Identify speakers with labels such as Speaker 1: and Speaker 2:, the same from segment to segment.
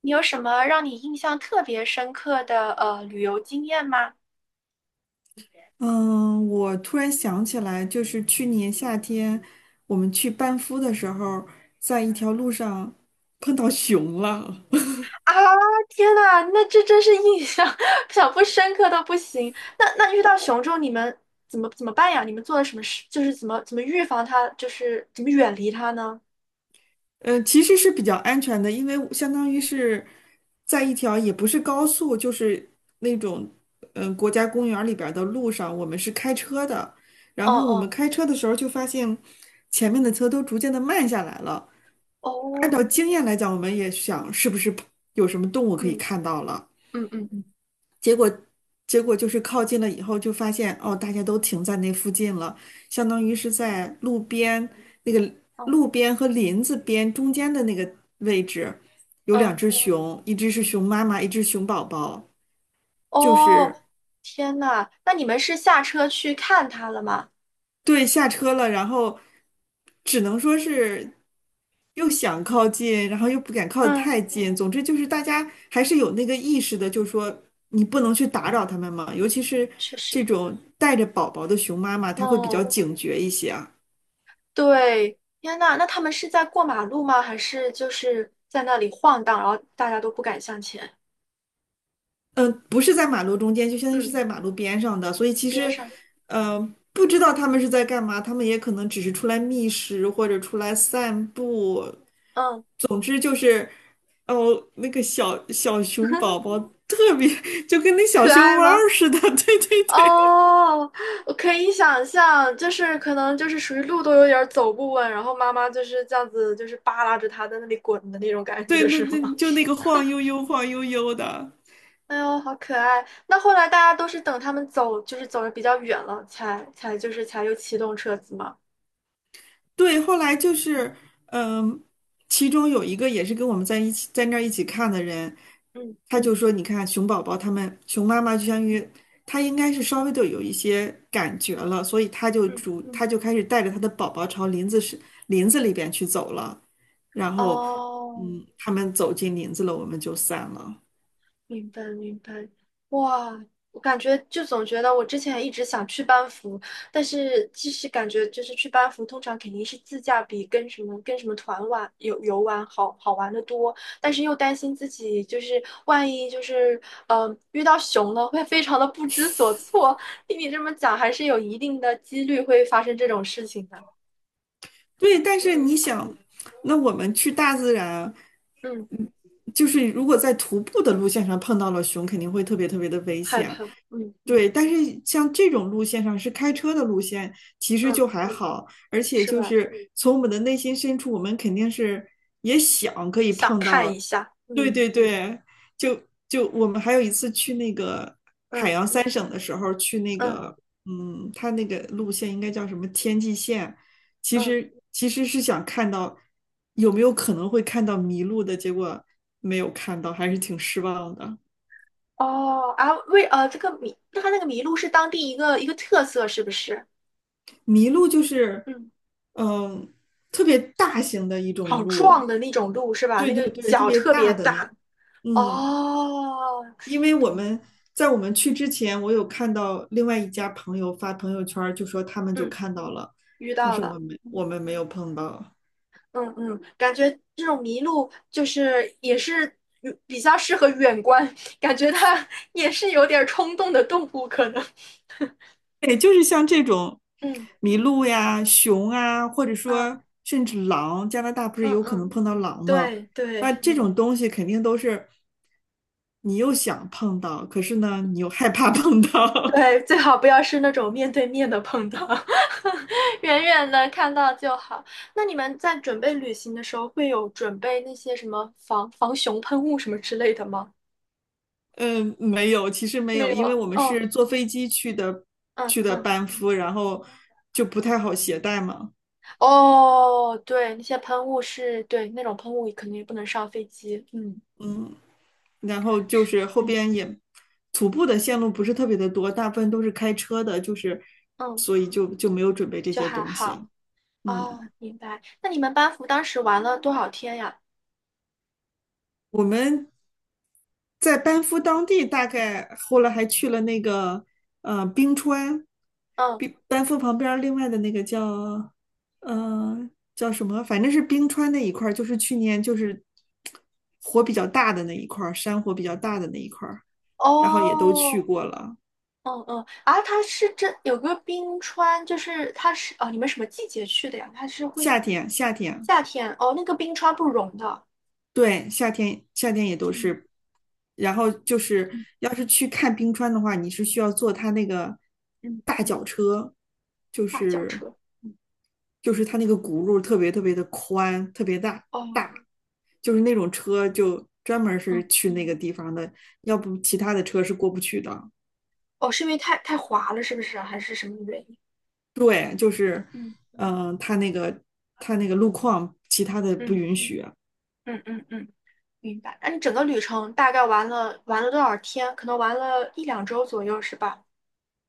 Speaker 1: 你有什么让你印象特别深刻的旅游经验吗？
Speaker 2: 嗯，我突然想起来，就是去年夏天我们去班夫的时候，在一条路上碰到熊了。
Speaker 1: 啊，天呐，那这真是印象 想不深刻都不行。那遇到熊之后，你们怎么办呀？你们做了什么事？就是怎么预防它，就是怎么远离它呢？
Speaker 2: 其实是比较安全的，因为相当于是在一条也不是高速，就是那种国家公园里边儿的路上，我们是开车的。
Speaker 1: 哦
Speaker 2: 然后我们
Speaker 1: 哦
Speaker 2: 开车的时候就发现前面的车都逐渐的慢下来了。按
Speaker 1: 哦，
Speaker 2: 照经验来讲，我们也想是不是有什么动物可以
Speaker 1: 嗯
Speaker 2: 看到了。
Speaker 1: 嗯嗯嗯
Speaker 2: 结果结果就是靠近了以后，就发现哦，大家都停在那附近了，相当于是在路边那个
Speaker 1: 嗯
Speaker 2: 路边和林子边中间的那个位置，有两
Speaker 1: 嗯，
Speaker 2: 只熊，一只是熊妈妈，一只熊宝宝，就
Speaker 1: 哦，
Speaker 2: 是
Speaker 1: 天呐，那你们是下车去看它了吗？
Speaker 2: 对，下车了，然后只能说是。又想靠近，然后又不敢靠得
Speaker 1: 嗯，
Speaker 2: 太近。总之就是大家还是有那个意识的，就是说你不能去打扰他们嘛。尤其是
Speaker 1: 确
Speaker 2: 这
Speaker 1: 实。
Speaker 2: 种带着宝宝的熊妈妈，她会比较
Speaker 1: 哦，
Speaker 2: 警觉一些啊。
Speaker 1: 对，天呐，那他们是在过马路吗？还是就是在那里晃荡，然后大家都不敢向前？
Speaker 2: 不是在马路中间，就相当于是
Speaker 1: 嗯，
Speaker 2: 在马路边上的，所以其
Speaker 1: 边
Speaker 2: 实，
Speaker 1: 上，
Speaker 2: 呃，不知道他们是在干嘛，他们也可能只是出来觅食或者出来散步。
Speaker 1: 嗯，
Speaker 2: 总之就是，哦，那个小小熊宝宝特别 就跟那小
Speaker 1: 可
Speaker 2: 熊
Speaker 1: 爱
Speaker 2: 猫
Speaker 1: 吗？
Speaker 2: 似的，对对对。
Speaker 1: 哦，我可以想象，就是可能就是属于路都有点儿走不稳，然后妈妈就是这样子，就是扒拉着他在那里滚的那种感
Speaker 2: 对，
Speaker 1: 觉，
Speaker 2: 那
Speaker 1: 是吗？
Speaker 2: 那就那个晃悠悠、晃悠悠的。
Speaker 1: 哎呦，好可爱！那后来大家都是等他们走，就是走的比较远了，才才就是才又启动车子嘛。
Speaker 2: 对，后来就是，嗯，其中有一个也是跟我们在一起，在那儿一起看的人，
Speaker 1: 嗯
Speaker 2: 他就说：“你看，熊宝宝他们，熊妈妈就相当于他应该是稍微的有一些感觉了，所以
Speaker 1: 嗯，
Speaker 2: 他就开始带着他的宝宝朝林子里边去走了。然后，
Speaker 1: 哦。
Speaker 2: 嗯，他们走进林子了，我们就散了。
Speaker 1: 明白明白，哇，我感觉就总觉得我之前一直想去班服，但是其实感觉就是去班服，通常肯定是自驾比跟什么团玩游游玩好好玩的多，但是又担心自己就是万一就是遇到熊了，会非常的不知所措。听你这么讲，还是有一定的几率会发生这种事情的。
Speaker 2: 对，但是你
Speaker 1: 嗯
Speaker 2: 想，那我们去大自然。”
Speaker 1: 嗯，
Speaker 2: 就是如果在徒步的路线上碰到了熊，肯定会特别特别的危
Speaker 1: 害
Speaker 2: 险。
Speaker 1: 怕，嗯
Speaker 2: 对，但是像这种路线上是开车的路线，其实
Speaker 1: 嗯，嗯
Speaker 2: 就还好，而且
Speaker 1: 是
Speaker 2: 就
Speaker 1: 吧？
Speaker 2: 是从我们的内心深处，我们肯定是也想可以
Speaker 1: 想
Speaker 2: 碰
Speaker 1: 看
Speaker 2: 到。
Speaker 1: 一下，
Speaker 2: 对
Speaker 1: 嗯
Speaker 2: 对对，就就我们还有一次去那个海
Speaker 1: 嗯
Speaker 2: 洋三省的时候，去那
Speaker 1: 嗯
Speaker 2: 个嗯，它那个路线应该叫什么天际线，其
Speaker 1: 嗯。
Speaker 2: 实其实是想看到有没有可能会看到迷路的，结果没有看到，还是挺失望的。
Speaker 1: 哦啊，这个麋，那它那个麋鹿是当地一个一个特色，是不是？
Speaker 2: 麋鹿就是，
Speaker 1: 嗯，
Speaker 2: 嗯，特别大型的一种
Speaker 1: 好
Speaker 2: 鹿，
Speaker 1: 壮的那种鹿是吧？
Speaker 2: 对
Speaker 1: 那
Speaker 2: 对
Speaker 1: 个
Speaker 2: 对，特
Speaker 1: 脚
Speaker 2: 别
Speaker 1: 特别
Speaker 2: 大的那，
Speaker 1: 大。
Speaker 2: 嗯，
Speaker 1: 哦，
Speaker 2: 因为
Speaker 1: 懂。
Speaker 2: 我们去之前，我有看到另外一家朋友发朋友圈儿就说他们就
Speaker 1: 嗯，
Speaker 2: 看到了，
Speaker 1: 遇
Speaker 2: 但
Speaker 1: 到
Speaker 2: 是我
Speaker 1: 了。
Speaker 2: 们我
Speaker 1: 嗯
Speaker 2: 们没有碰到。
Speaker 1: 嗯嗯，感觉这种麋鹿就是也是比较适合远观，感觉它也是有点儿冲动的动物可能。
Speaker 2: 对，就是像这种
Speaker 1: 嗯
Speaker 2: 麋鹿呀、熊啊，或者说
Speaker 1: 嗯
Speaker 2: 甚至狼，加拿大不是
Speaker 1: 嗯
Speaker 2: 有可
Speaker 1: 嗯，
Speaker 2: 能碰到狼吗？
Speaker 1: 对
Speaker 2: 那
Speaker 1: 对。
Speaker 2: 这种东西肯定都是你又想碰到，可是呢，你又害怕碰 到。
Speaker 1: 对，最好不要是那种面对面的碰到，远远的看到就好。那你们在准备旅行的时候，会有准备那些什么防熊喷雾什么之类的吗？
Speaker 2: 嗯，没有，其实没
Speaker 1: 没
Speaker 2: 有，
Speaker 1: 有
Speaker 2: 因为
Speaker 1: 啊。
Speaker 2: 我们
Speaker 1: 哦，
Speaker 2: 是坐飞机去的，
Speaker 1: 嗯
Speaker 2: 去的
Speaker 1: 嗯，
Speaker 2: 班夫，然后就不太好携带嘛。
Speaker 1: 哦，对，那些喷雾是对那种喷雾，肯定不能上飞机。嗯，
Speaker 2: 然后就
Speaker 1: 是，
Speaker 2: 是后
Speaker 1: 嗯
Speaker 2: 边也徒步的线路不是特别的多，大部分都是开车的，就是
Speaker 1: 嗯，
Speaker 2: 所以就没有准备这
Speaker 1: 就
Speaker 2: 些
Speaker 1: 还
Speaker 2: 东西。
Speaker 1: 好。哦，
Speaker 2: 嗯，
Speaker 1: 明白。那你们班服当时玩了多少天呀？
Speaker 2: 我们在班夫当地，大概后来还去了那个冰川，
Speaker 1: 嗯，
Speaker 2: 冰班夫旁边儿另外的那个叫呃叫什么，反正是冰川那一块儿，就是去年就是火比较大的那一块儿，山火比较大的那一块儿，然后也都去
Speaker 1: 哦，
Speaker 2: 过了。
Speaker 1: 嗯嗯，啊，它是这有个冰川，就是它是哦，你们什么季节去的呀？它是会
Speaker 2: 夏天，夏天。
Speaker 1: 夏天哦，那个冰川不融的。
Speaker 2: 对，夏天夏天也都
Speaker 1: 嗯
Speaker 2: 是，然后就是
Speaker 1: 嗯
Speaker 2: 要是去看冰川的话，你是需要坐它那个
Speaker 1: 嗯，
Speaker 2: 大脚车，就
Speaker 1: 大轿
Speaker 2: 是
Speaker 1: 车。嗯
Speaker 2: 就是它那个轱辘特别特别的宽，特别大
Speaker 1: 哦
Speaker 2: 大，就是那种车就专门儿是
Speaker 1: 嗯
Speaker 2: 去那个地方的，要不其他的车是过不去的。
Speaker 1: 哦，是因为太滑了，是不是啊？还是什么原因？
Speaker 2: 对，就是，
Speaker 1: 嗯
Speaker 2: 它那个路况其他的不允
Speaker 1: 嗯
Speaker 2: 许。
Speaker 1: 嗯嗯嗯，明白。那你整个旅程大概玩了多少天？可能玩了一两周左右，是吧？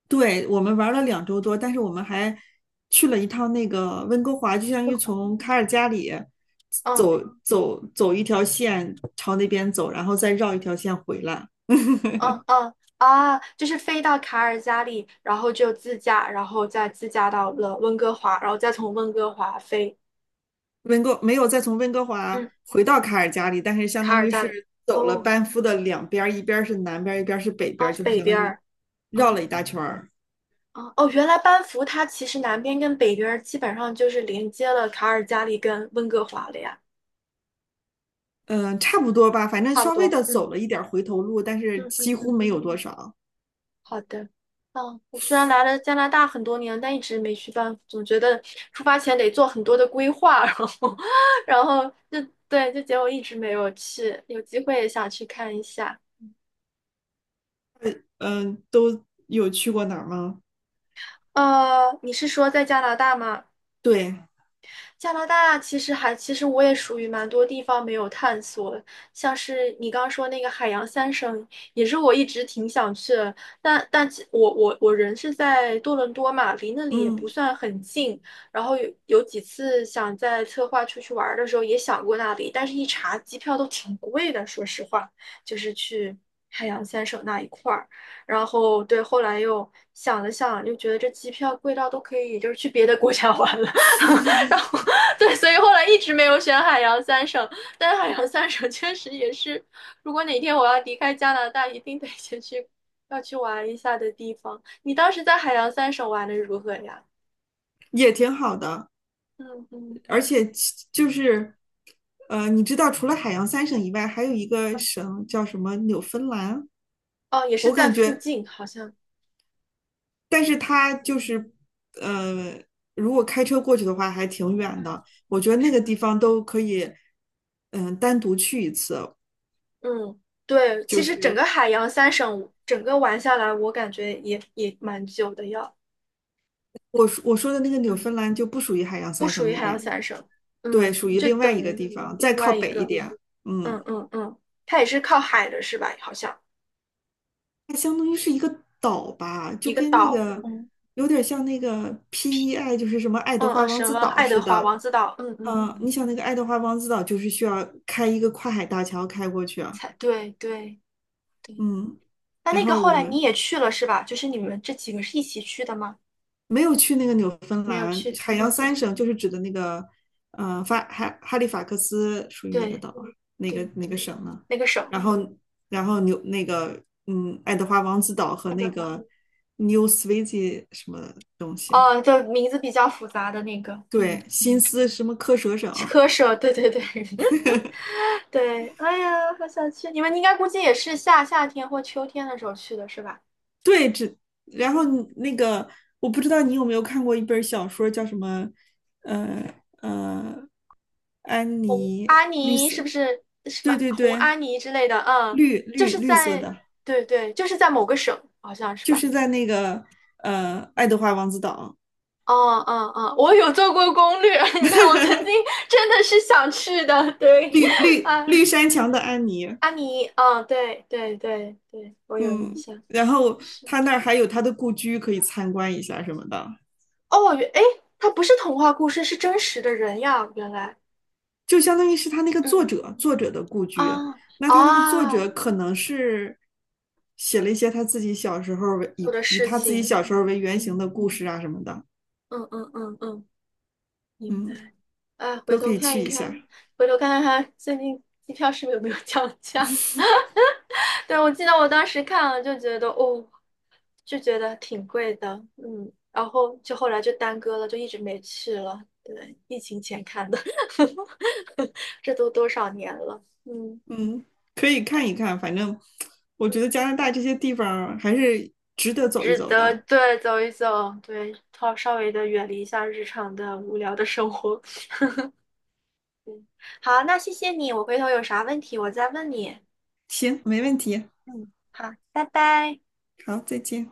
Speaker 2: 对，我们玩了
Speaker 1: 嗯，
Speaker 2: 两周多，但是我们还去了一趟那个温哥华，就相当
Speaker 1: 会
Speaker 2: 于
Speaker 1: 滑。
Speaker 2: 从卡尔加里
Speaker 1: 嗯
Speaker 2: 走走一条线朝那边走，然后再绕一条线回来。
Speaker 1: 嗯 嗯啊，就是飞到卡尔加里，然后就自驾，然后再自驾到了温哥华，然后再从温哥华飞，
Speaker 2: 温哥没有再从温哥华
Speaker 1: 嗯，
Speaker 2: 回到卡尔加里，但是相
Speaker 1: 卡
Speaker 2: 当
Speaker 1: 尔
Speaker 2: 于
Speaker 1: 加
Speaker 2: 是
Speaker 1: 里。
Speaker 2: 走了
Speaker 1: 哦
Speaker 2: 班夫的两边儿，一边儿是南边儿，一边儿是北边
Speaker 1: 啊，
Speaker 2: 儿，就是
Speaker 1: 北
Speaker 2: 相当
Speaker 1: 边
Speaker 2: 于
Speaker 1: 儿啊
Speaker 2: 绕了一大圈儿。
Speaker 1: 啊哦，原来班夫它其实南边跟北边儿基本上就是连接了卡尔加里跟温哥华了呀，
Speaker 2: 嗯，差不多吧，反正
Speaker 1: 差不
Speaker 2: 稍微
Speaker 1: 多。
Speaker 2: 的
Speaker 1: 嗯
Speaker 2: 走了一点儿回头路，但是
Speaker 1: 嗯嗯
Speaker 2: 几乎
Speaker 1: 嗯。
Speaker 2: 没有多少。
Speaker 1: 好的，嗯，我虽然来了加拿大很多年，但一直没去办，总觉得出发前得做很多的规划，然后，然后就对，就结果一直没有去，有机会也想去看一下。
Speaker 2: 嗯，都有去过哪儿吗？
Speaker 1: 你是说在加拿大吗？
Speaker 2: 对，
Speaker 1: 加拿大其实我也属于蛮多地方没有探索，像是你刚刚说那个海洋三省，也是我一直挺想去的。但其我我我人是在多伦多嘛，离那里也不
Speaker 2: 嗯，
Speaker 1: 算很近。然后有几次想在策划出去玩儿的时候也想过那里，但是一查机票都挺贵的，说实话，就是去海洋三省那一块儿。然后对，后来又想了想，又觉得这机票贵到都可以，就是去别的国家 玩了。然后对，所以后来一直没有选海洋三省。但是海洋三省确实也是，如果哪天我要离开加拿大，一定得要去玩一下的地方。你当时在海洋三省玩的如何呀？
Speaker 2: 也挺好的，
Speaker 1: 嗯嗯
Speaker 2: 而且其就是，呃，你知道，除了海洋三省以外，还有一个
Speaker 1: 嗯，
Speaker 2: 省叫什么纽芬兰，
Speaker 1: 哦，也是
Speaker 2: 我
Speaker 1: 在
Speaker 2: 感
Speaker 1: 附
Speaker 2: 觉，
Speaker 1: 近，好像，
Speaker 2: 但是它就是，呃，如果开车过去的话，还挺远
Speaker 1: 嗯，
Speaker 2: 的。我觉得那
Speaker 1: 是
Speaker 2: 个
Speaker 1: 的。
Speaker 2: 地方都可以，单独去一次。
Speaker 1: 嗯，对，其实整个海洋三省整个玩下来，我感觉也蛮久的要，
Speaker 2: 我说的那个纽
Speaker 1: 嗯。
Speaker 2: 芬兰就不属于海洋
Speaker 1: 不
Speaker 2: 三
Speaker 1: 属
Speaker 2: 省
Speaker 1: 于
Speaker 2: 里
Speaker 1: 海洋
Speaker 2: 边，
Speaker 1: 三省，
Speaker 2: 对，
Speaker 1: 嗯，
Speaker 2: 属于
Speaker 1: 就
Speaker 2: 另外
Speaker 1: 等
Speaker 2: 一个
Speaker 1: 于
Speaker 2: 地方，再
Speaker 1: 另
Speaker 2: 靠
Speaker 1: 外一
Speaker 2: 北一
Speaker 1: 个，
Speaker 2: 点。嗯，
Speaker 1: 嗯嗯嗯，它也是靠海的是吧？好像
Speaker 2: 它相当于是一个岛吧，
Speaker 1: 一
Speaker 2: 就
Speaker 1: 个
Speaker 2: 跟那
Speaker 1: 岛，
Speaker 2: 个
Speaker 1: 嗯，
Speaker 2: 有点像那个 PEI，就是什么爱德
Speaker 1: 嗯
Speaker 2: 华
Speaker 1: 嗯，
Speaker 2: 王
Speaker 1: 什么
Speaker 2: 子岛
Speaker 1: 爱德
Speaker 2: 似
Speaker 1: 华
Speaker 2: 的。
Speaker 1: 王子岛，嗯嗯嗯，
Speaker 2: 你想那个爱德华王子岛就是需要开一个跨海大桥开过去啊。
Speaker 1: 才对对对。
Speaker 2: 嗯，
Speaker 1: 那
Speaker 2: 然
Speaker 1: 那
Speaker 2: 后
Speaker 1: 个后
Speaker 2: 我
Speaker 1: 来你
Speaker 2: 们
Speaker 1: 也去了是吧？就是你们这几个是一起去的吗？
Speaker 2: 没有去那个纽芬
Speaker 1: 没有
Speaker 2: 兰，
Speaker 1: 去，
Speaker 2: 海洋
Speaker 1: 嗯，
Speaker 2: 三
Speaker 1: 嗯
Speaker 2: 省就是指的那个，哈利法克斯属于哪个
Speaker 1: 对
Speaker 2: 岛啊？
Speaker 1: 对
Speaker 2: 哪个
Speaker 1: 对，
Speaker 2: 省呢？
Speaker 1: 那个省，
Speaker 2: 然
Speaker 1: 嗯，
Speaker 2: 后然后纽那个嗯，爱德华王子岛和
Speaker 1: 爱
Speaker 2: 那
Speaker 1: 德华，
Speaker 2: 个 New Sweden 什么东西？
Speaker 1: 哦，就名字比较复杂的那个，嗯
Speaker 2: 对，新
Speaker 1: 嗯，
Speaker 2: 思什么科舍省，
Speaker 1: 科舍，对对对，对，哎呀，好想去！你们应该估计也是夏天或秋天的时候去的是吧？
Speaker 2: 对，只然后
Speaker 1: 嗯，
Speaker 2: 你那个我不知道你有没有看过一本小说叫什么，呃呃，安
Speaker 1: 红
Speaker 2: 妮
Speaker 1: 阿
Speaker 2: 绿
Speaker 1: 尼是不
Speaker 2: 色，
Speaker 1: 是什么
Speaker 2: 对对
Speaker 1: 红
Speaker 2: 对，
Speaker 1: 阿尼之类的？嗯，就是
Speaker 2: 绿色
Speaker 1: 在，
Speaker 2: 的，
Speaker 1: 对对，就是在某个省，好像是
Speaker 2: 就
Speaker 1: 吧？
Speaker 2: 是在那个爱德华王子岛，
Speaker 1: 哦哦哦，我有做过攻略，你看我曾经 真的是想去的，对，啊，
Speaker 2: 绿山墙的安妮，
Speaker 1: 阿尼，嗯，对对对对，我有印
Speaker 2: 嗯，
Speaker 1: 象，
Speaker 2: 然后
Speaker 1: 是
Speaker 2: 他那儿还有他的故居可以参观一下什么的，
Speaker 1: 哦，诶，它不是童话故事，是真实的人呀，原来，
Speaker 2: 就相当于是他那个
Speaker 1: 嗯
Speaker 2: 作者的故
Speaker 1: 啊
Speaker 2: 居。那他那个作者
Speaker 1: 啊。
Speaker 2: 可能是写了一些他自己小时候
Speaker 1: 做
Speaker 2: 以
Speaker 1: 的
Speaker 2: 以
Speaker 1: 事
Speaker 2: 他自己
Speaker 1: 情。
Speaker 2: 小时候为原型
Speaker 1: 嗯
Speaker 2: 的故事啊什么的，
Speaker 1: 嗯嗯嗯嗯，明
Speaker 2: 嗯，
Speaker 1: 白。啊，回
Speaker 2: 都可
Speaker 1: 头
Speaker 2: 以
Speaker 1: 看
Speaker 2: 去
Speaker 1: 一
Speaker 2: 一
Speaker 1: 看，
Speaker 2: 下，
Speaker 1: 回头看看它最近机票是不是有没有降价？对，我记得我当时看了就觉得哦，就觉得挺贵的，嗯，然后就后来就耽搁了，就一直没去了。对，疫情前看的，这都多少年了，嗯
Speaker 2: 嗯，可以看一看。反正我觉
Speaker 1: 嗯，
Speaker 2: 得加拿大这些地方还是值得走一
Speaker 1: 值
Speaker 2: 走
Speaker 1: 得，
Speaker 2: 的。
Speaker 1: 对，走一走，对，稍微的远离一下日常的无聊的生活。嗯，好，那谢谢你，我回头有啥问题我再问你。
Speaker 2: 行，没问题。
Speaker 1: 嗯，好，拜拜。
Speaker 2: 好，再见。